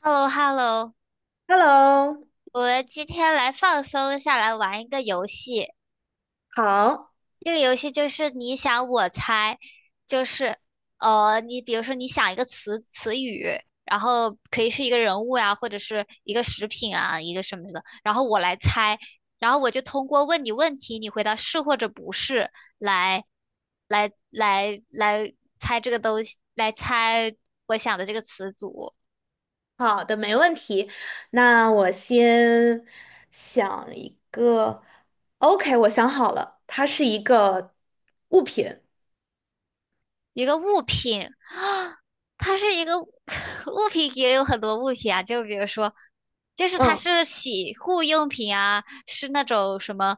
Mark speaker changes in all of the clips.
Speaker 1: h e l l o h e l l o
Speaker 2: Hello，
Speaker 1: 我今天来放松下来玩一个游戏。
Speaker 2: 好
Speaker 1: 这个游戏就是你想我猜，就是你比如说你想一个词语，然后可以是一个人物呀，或者是一个食品啊，一个什么的，然后我来猜，然后我就通过问你问题，你回答是或者不是来来猜这个东西，来猜我想的这个词组。
Speaker 2: 好，没问题。那我先想一个，OK，我想好了，它是一个物品。
Speaker 1: 一个物品啊，它是一个 物品，也有很多物品啊，就比如说，就是它
Speaker 2: 嗯，
Speaker 1: 是洗护用品啊，是那种什么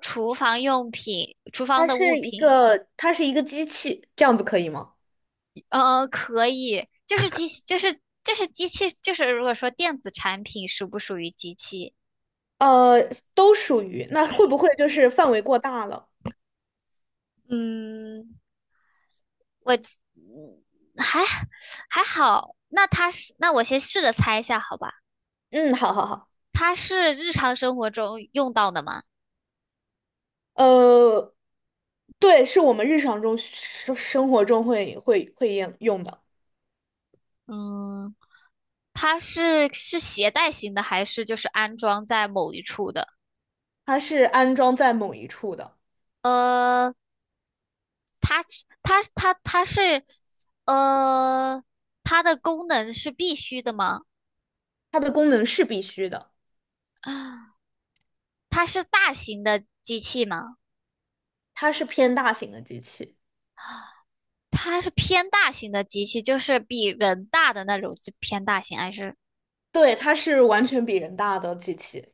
Speaker 1: 厨房用品、厨房
Speaker 2: 它
Speaker 1: 的物
Speaker 2: 是一
Speaker 1: 品，
Speaker 2: 个，它是一个机器，这样子可以吗？
Speaker 1: 可以，就是机，就是就是机器，就是如果说电子产品属不属于机器？
Speaker 2: 呃，都属于，那会不会就是范围过大了？
Speaker 1: 嗯，我嗯还还好，那它是，那我先试着猜一下，好吧？
Speaker 2: 嗯，好好好。
Speaker 1: 它是日常生活中用到的吗？
Speaker 2: 呃，对，是我们日常生活中会用的，
Speaker 1: 嗯，它是携带型的，还是就是安装在某一处的？
Speaker 2: 它是安装在某一处的，
Speaker 1: 呃，它它它它是呃，它的功能是必须的吗？
Speaker 2: 它的功能是必须的。
Speaker 1: 啊，它是大型的机器吗？
Speaker 2: 它是偏大型的机器，
Speaker 1: 它是偏大型的机器，就是比人大的那种，就偏大型还是？
Speaker 2: 对，它是完全比人大的机器。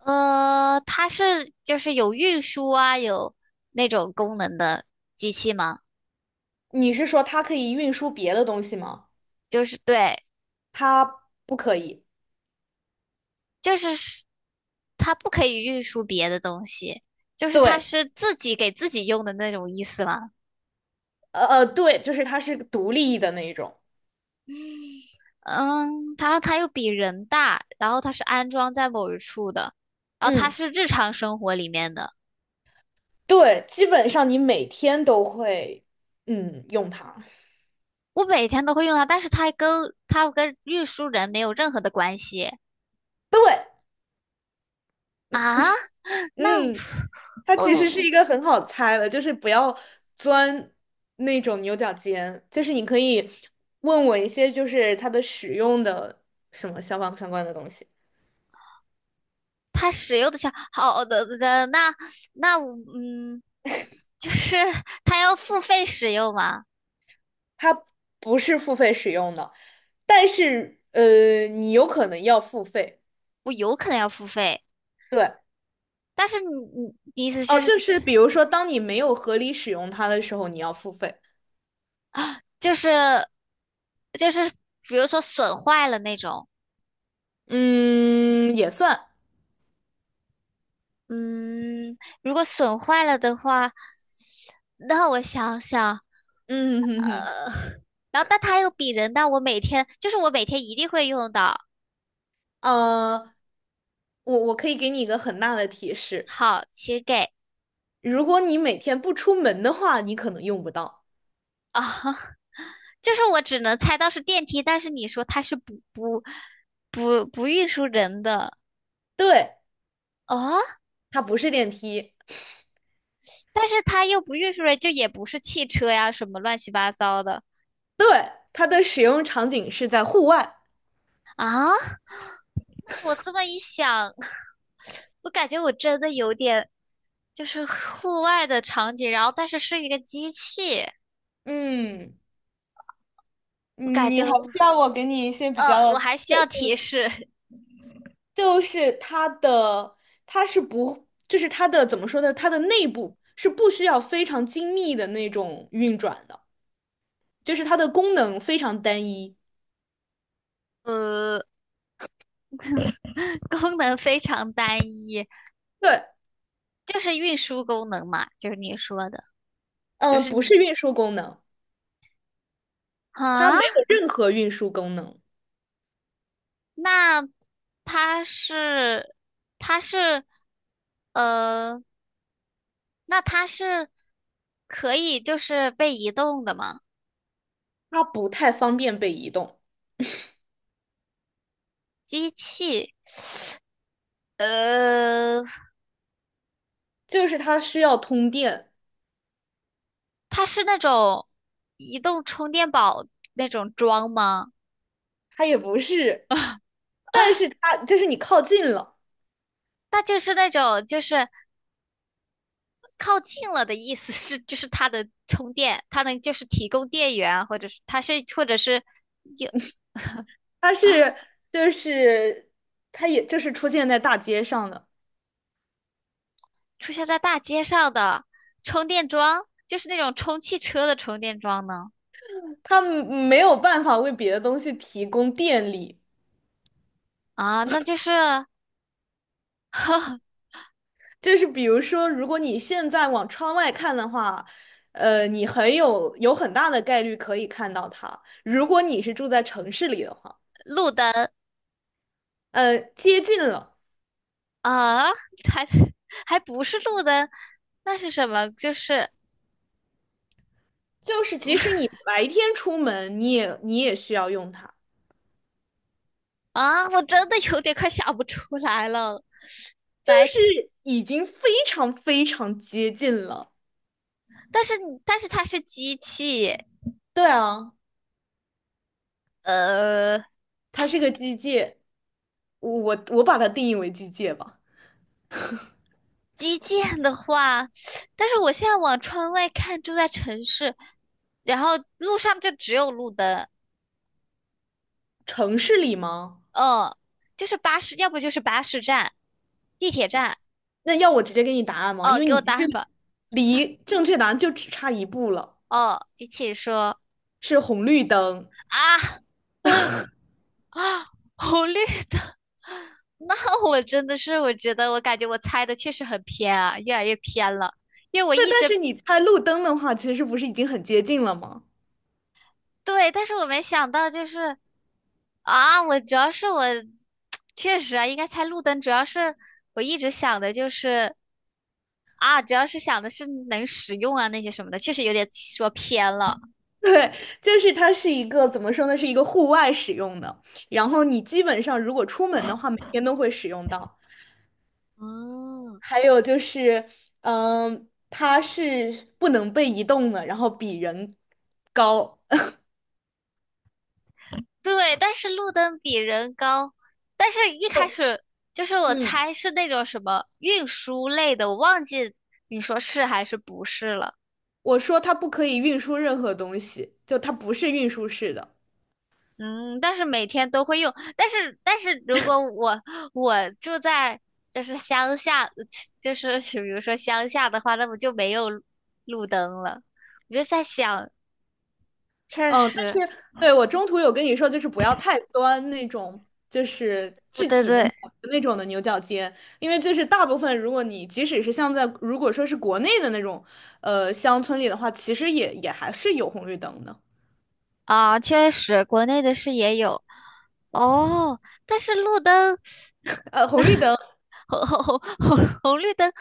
Speaker 1: 它是就是有运输啊，有那种功能的机器吗？
Speaker 2: 你是说它可以运输别的东西吗？
Speaker 1: 就是对，
Speaker 2: 它不可以。
Speaker 1: 就是它不可以运输别的东西，就是它
Speaker 2: 对，
Speaker 1: 是自己给自己用的那种意思嘛。
Speaker 2: 对，就是它是独立的那一种。
Speaker 1: 嗯，它让它又比人大，然后它是安装在某一处的，然后它
Speaker 2: 嗯，
Speaker 1: 是日常生活里面的，
Speaker 2: 对，基本上你每天都会，嗯，用它。
Speaker 1: 我每天都会用它，但是它跟运输人没有任何的关系
Speaker 2: 对，
Speaker 1: 啊。那
Speaker 2: 嗯，它其实是
Speaker 1: 哦，
Speaker 2: 一个很好猜的，就是不要钻那种牛角尖，就是你可以问我一些就是它的使用的什么消防相关的东西。
Speaker 1: 它使用的下好的的那那我就是 它要付费使用吗？
Speaker 2: 它不是付费使用的，但是你有可能要付费。
Speaker 1: 我有可能要付费。
Speaker 2: 对，
Speaker 1: 但是你你意思
Speaker 2: 哦，就是比如说，当你没有合理使用它的时候，你要付费。
Speaker 1: 就是就是比如说损坏了那种，
Speaker 2: 嗯，也算。
Speaker 1: 嗯，如果损坏了的话，那我想想，
Speaker 2: 嗯哼哼，
Speaker 1: 呃，然后但它又比人大，我每天一定会用到。
Speaker 2: 呃，我我可以给你一个很大的提示，
Speaker 1: 好，请给
Speaker 2: 如果你每天不出门的话，你可能用不到。
Speaker 1: 啊，就是我只能猜到是电梯，但是你说它是不运输人的
Speaker 2: 对，
Speaker 1: 哦，
Speaker 2: 它不是电梯，
Speaker 1: 但是它又不运输人，就也不是汽车呀，什么乱七八糟的
Speaker 2: 对，它的使用场景是在户外。
Speaker 1: 啊。我这么一想，我感觉我真的有点就是户外的场景，然后但是是一个机器，
Speaker 2: 嗯，
Speaker 1: 我感觉，
Speaker 2: 你还需要我给你一些比
Speaker 1: 我
Speaker 2: 较。
Speaker 1: 还需要提示，
Speaker 2: 就是它的，它是不，就是它的怎么说呢？它的内部是不需要非常精密的那种运转的，就是它的功能非常单一。
Speaker 1: 呃，功能非常单一，
Speaker 2: 对，
Speaker 1: 就是运输功能嘛，就是你说的，就
Speaker 2: 嗯，
Speaker 1: 是
Speaker 2: 不
Speaker 1: 你
Speaker 2: 是运输功能，它
Speaker 1: 啊，
Speaker 2: 没有任何运输功能，
Speaker 1: 那它是，它是，呃，那它是可以就是被移动的吗？
Speaker 2: 它不太方便被移动，
Speaker 1: 机器，呃。
Speaker 2: 就是它需要通电，
Speaker 1: 它是那种移动充电宝那种桩吗？
Speaker 2: 它也不是，是它就是你靠近了，
Speaker 1: 那就是那种就是靠近了的意思是，就是它的充电，它能就是提供电源，或者是它是或者是有
Speaker 2: 它是就是它也就是出现在大街上的，
Speaker 1: 出现在大街上的充电桩，就是那种充汽车的充电桩呢？
Speaker 2: 它没有办法为别的东西提供电力。
Speaker 1: 啊，那就是
Speaker 2: 就是比如说，如果你现在往窗外看的话，你有很大的概率可以看到它。如果你是住在城市里的话，
Speaker 1: 路灯
Speaker 2: 接近了，
Speaker 1: 啊，还还不是路灯，那是什么？就是
Speaker 2: 就是即使你白天出门，你也需要用它，
Speaker 1: 啊，我真的有点快想不出来了。
Speaker 2: 就
Speaker 1: 白天。
Speaker 2: 是已经非常非常接近了。
Speaker 1: 但是但是它是机器，
Speaker 2: 对啊，
Speaker 1: 呃，
Speaker 2: 它是个机械，我把它定义为机械吧。
Speaker 1: 基建的话，但是我现在往窗外看，住在城市，然后路上就只有路灯，
Speaker 2: 城市里吗？
Speaker 1: 嗯，就是巴士，要不就是巴士站、地铁站，
Speaker 2: 那要我直接给你答案吗？因
Speaker 1: 哦，
Speaker 2: 为
Speaker 1: 给
Speaker 2: 你
Speaker 1: 我
Speaker 2: 其
Speaker 1: 答案
Speaker 2: 实
Speaker 1: 吧，
Speaker 2: 离正确答案就只差一步了。
Speaker 1: 哦，机器说
Speaker 2: 是红绿灯。
Speaker 1: 啊啊，红绿灯，那我真的是，我觉得我感觉我猜的确实很偏啊，越来越偏了，因为我
Speaker 2: 对，
Speaker 1: 一
Speaker 2: 但
Speaker 1: 直
Speaker 2: 是你猜路灯的话，其实不是已经很接近了吗？
Speaker 1: 对，但是我没想到就是啊，我主要是我确实啊，应该猜路灯，主要是我一直想的就是啊，主要是想的是能使用啊那些什么的，确实有点说偏了。
Speaker 2: 对，就是它是一个怎么说呢，是一个户外使用的。然后你基本上如果出门的话，每天都会使用到。
Speaker 1: 嗯，
Speaker 2: 还有就是，嗯，它是不能被移动的，然后比人高。
Speaker 1: 对，但是路灯比人高，但是一开始就是我
Speaker 2: 嗯，
Speaker 1: 猜是那种什么运输类的，我忘记你说是还是不是了。
Speaker 2: 我说它不可以运输任何东西，就它不是运输式的。
Speaker 1: 嗯，但是每天都会用，但是如果我住在就是乡下，就是比如说乡下的话，那不就没有路灯了？我就在想，确
Speaker 2: 嗯，但
Speaker 1: 实
Speaker 2: 是对我中途有跟你说，就是不要太钻那种，就是
Speaker 1: 对
Speaker 2: 具
Speaker 1: 对
Speaker 2: 体的
Speaker 1: 对，
Speaker 2: 某个那种的牛角尖，因为就是大部分，如果你即使是像在如果说是国内的那种，乡村里的话，其实也还是有红绿灯的，
Speaker 1: 啊，确实，国内的是也有哦，但是路灯
Speaker 2: 红绿灯，
Speaker 1: 红绿灯，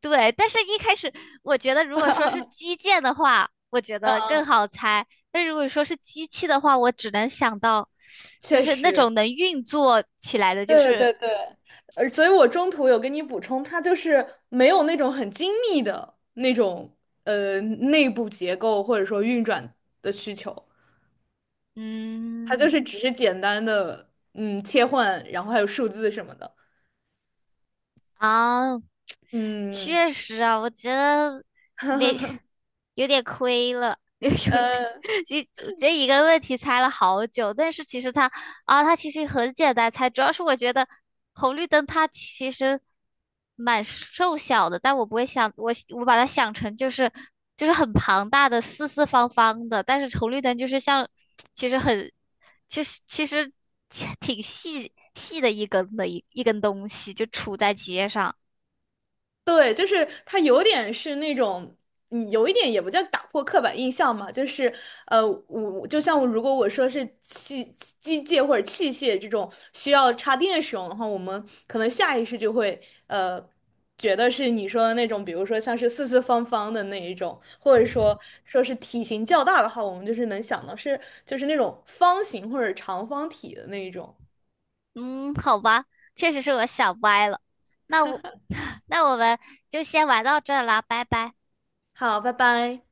Speaker 1: 对。但是一开始我觉得，如果说是基建的话，我觉
Speaker 2: 嗯，
Speaker 1: 得更
Speaker 2: 嗯
Speaker 1: 好猜。但如果说是机器的话，我只能想到，就
Speaker 2: 确
Speaker 1: 是那
Speaker 2: 实，
Speaker 1: 种能运作起来的，就
Speaker 2: 对
Speaker 1: 是
Speaker 2: 对对，所以我中途有跟你补充，它就是没有那种很精密的那种，内部结构或者说运转的需求。它
Speaker 1: 嗯
Speaker 2: 就是只是简单的切换，然后还有数字什么的。
Speaker 1: 啊，
Speaker 2: 嗯，
Speaker 1: 确实啊，我觉得没 有点亏了，有点，
Speaker 2: 呃，
Speaker 1: 就这一个问题猜了好久，但是其实它其实很简单猜，主要是我觉得红绿灯它其实蛮瘦小的，但我不会想我把它想成就是很庞大的四四方方的，但是红绿灯就是像其实很其实其实 挺细细的一根的一根东西就杵在街上。
Speaker 2: 对，就是它有点是那种，有一点也不叫打破刻板印象嘛，我就像我如果我说是机械或者器械这种需要插电使用的话，我们可能下意识就会呃觉得是你说的那种，比如说像是四四方方的那一种，或者说说是体型较大的话，我们就是能想到是就是那种方形或者长方体的那一种。
Speaker 1: 嗯，好吧，确实是我想歪了。那我 那我们就先玩到这儿啦，拜拜。
Speaker 2: 好，拜拜。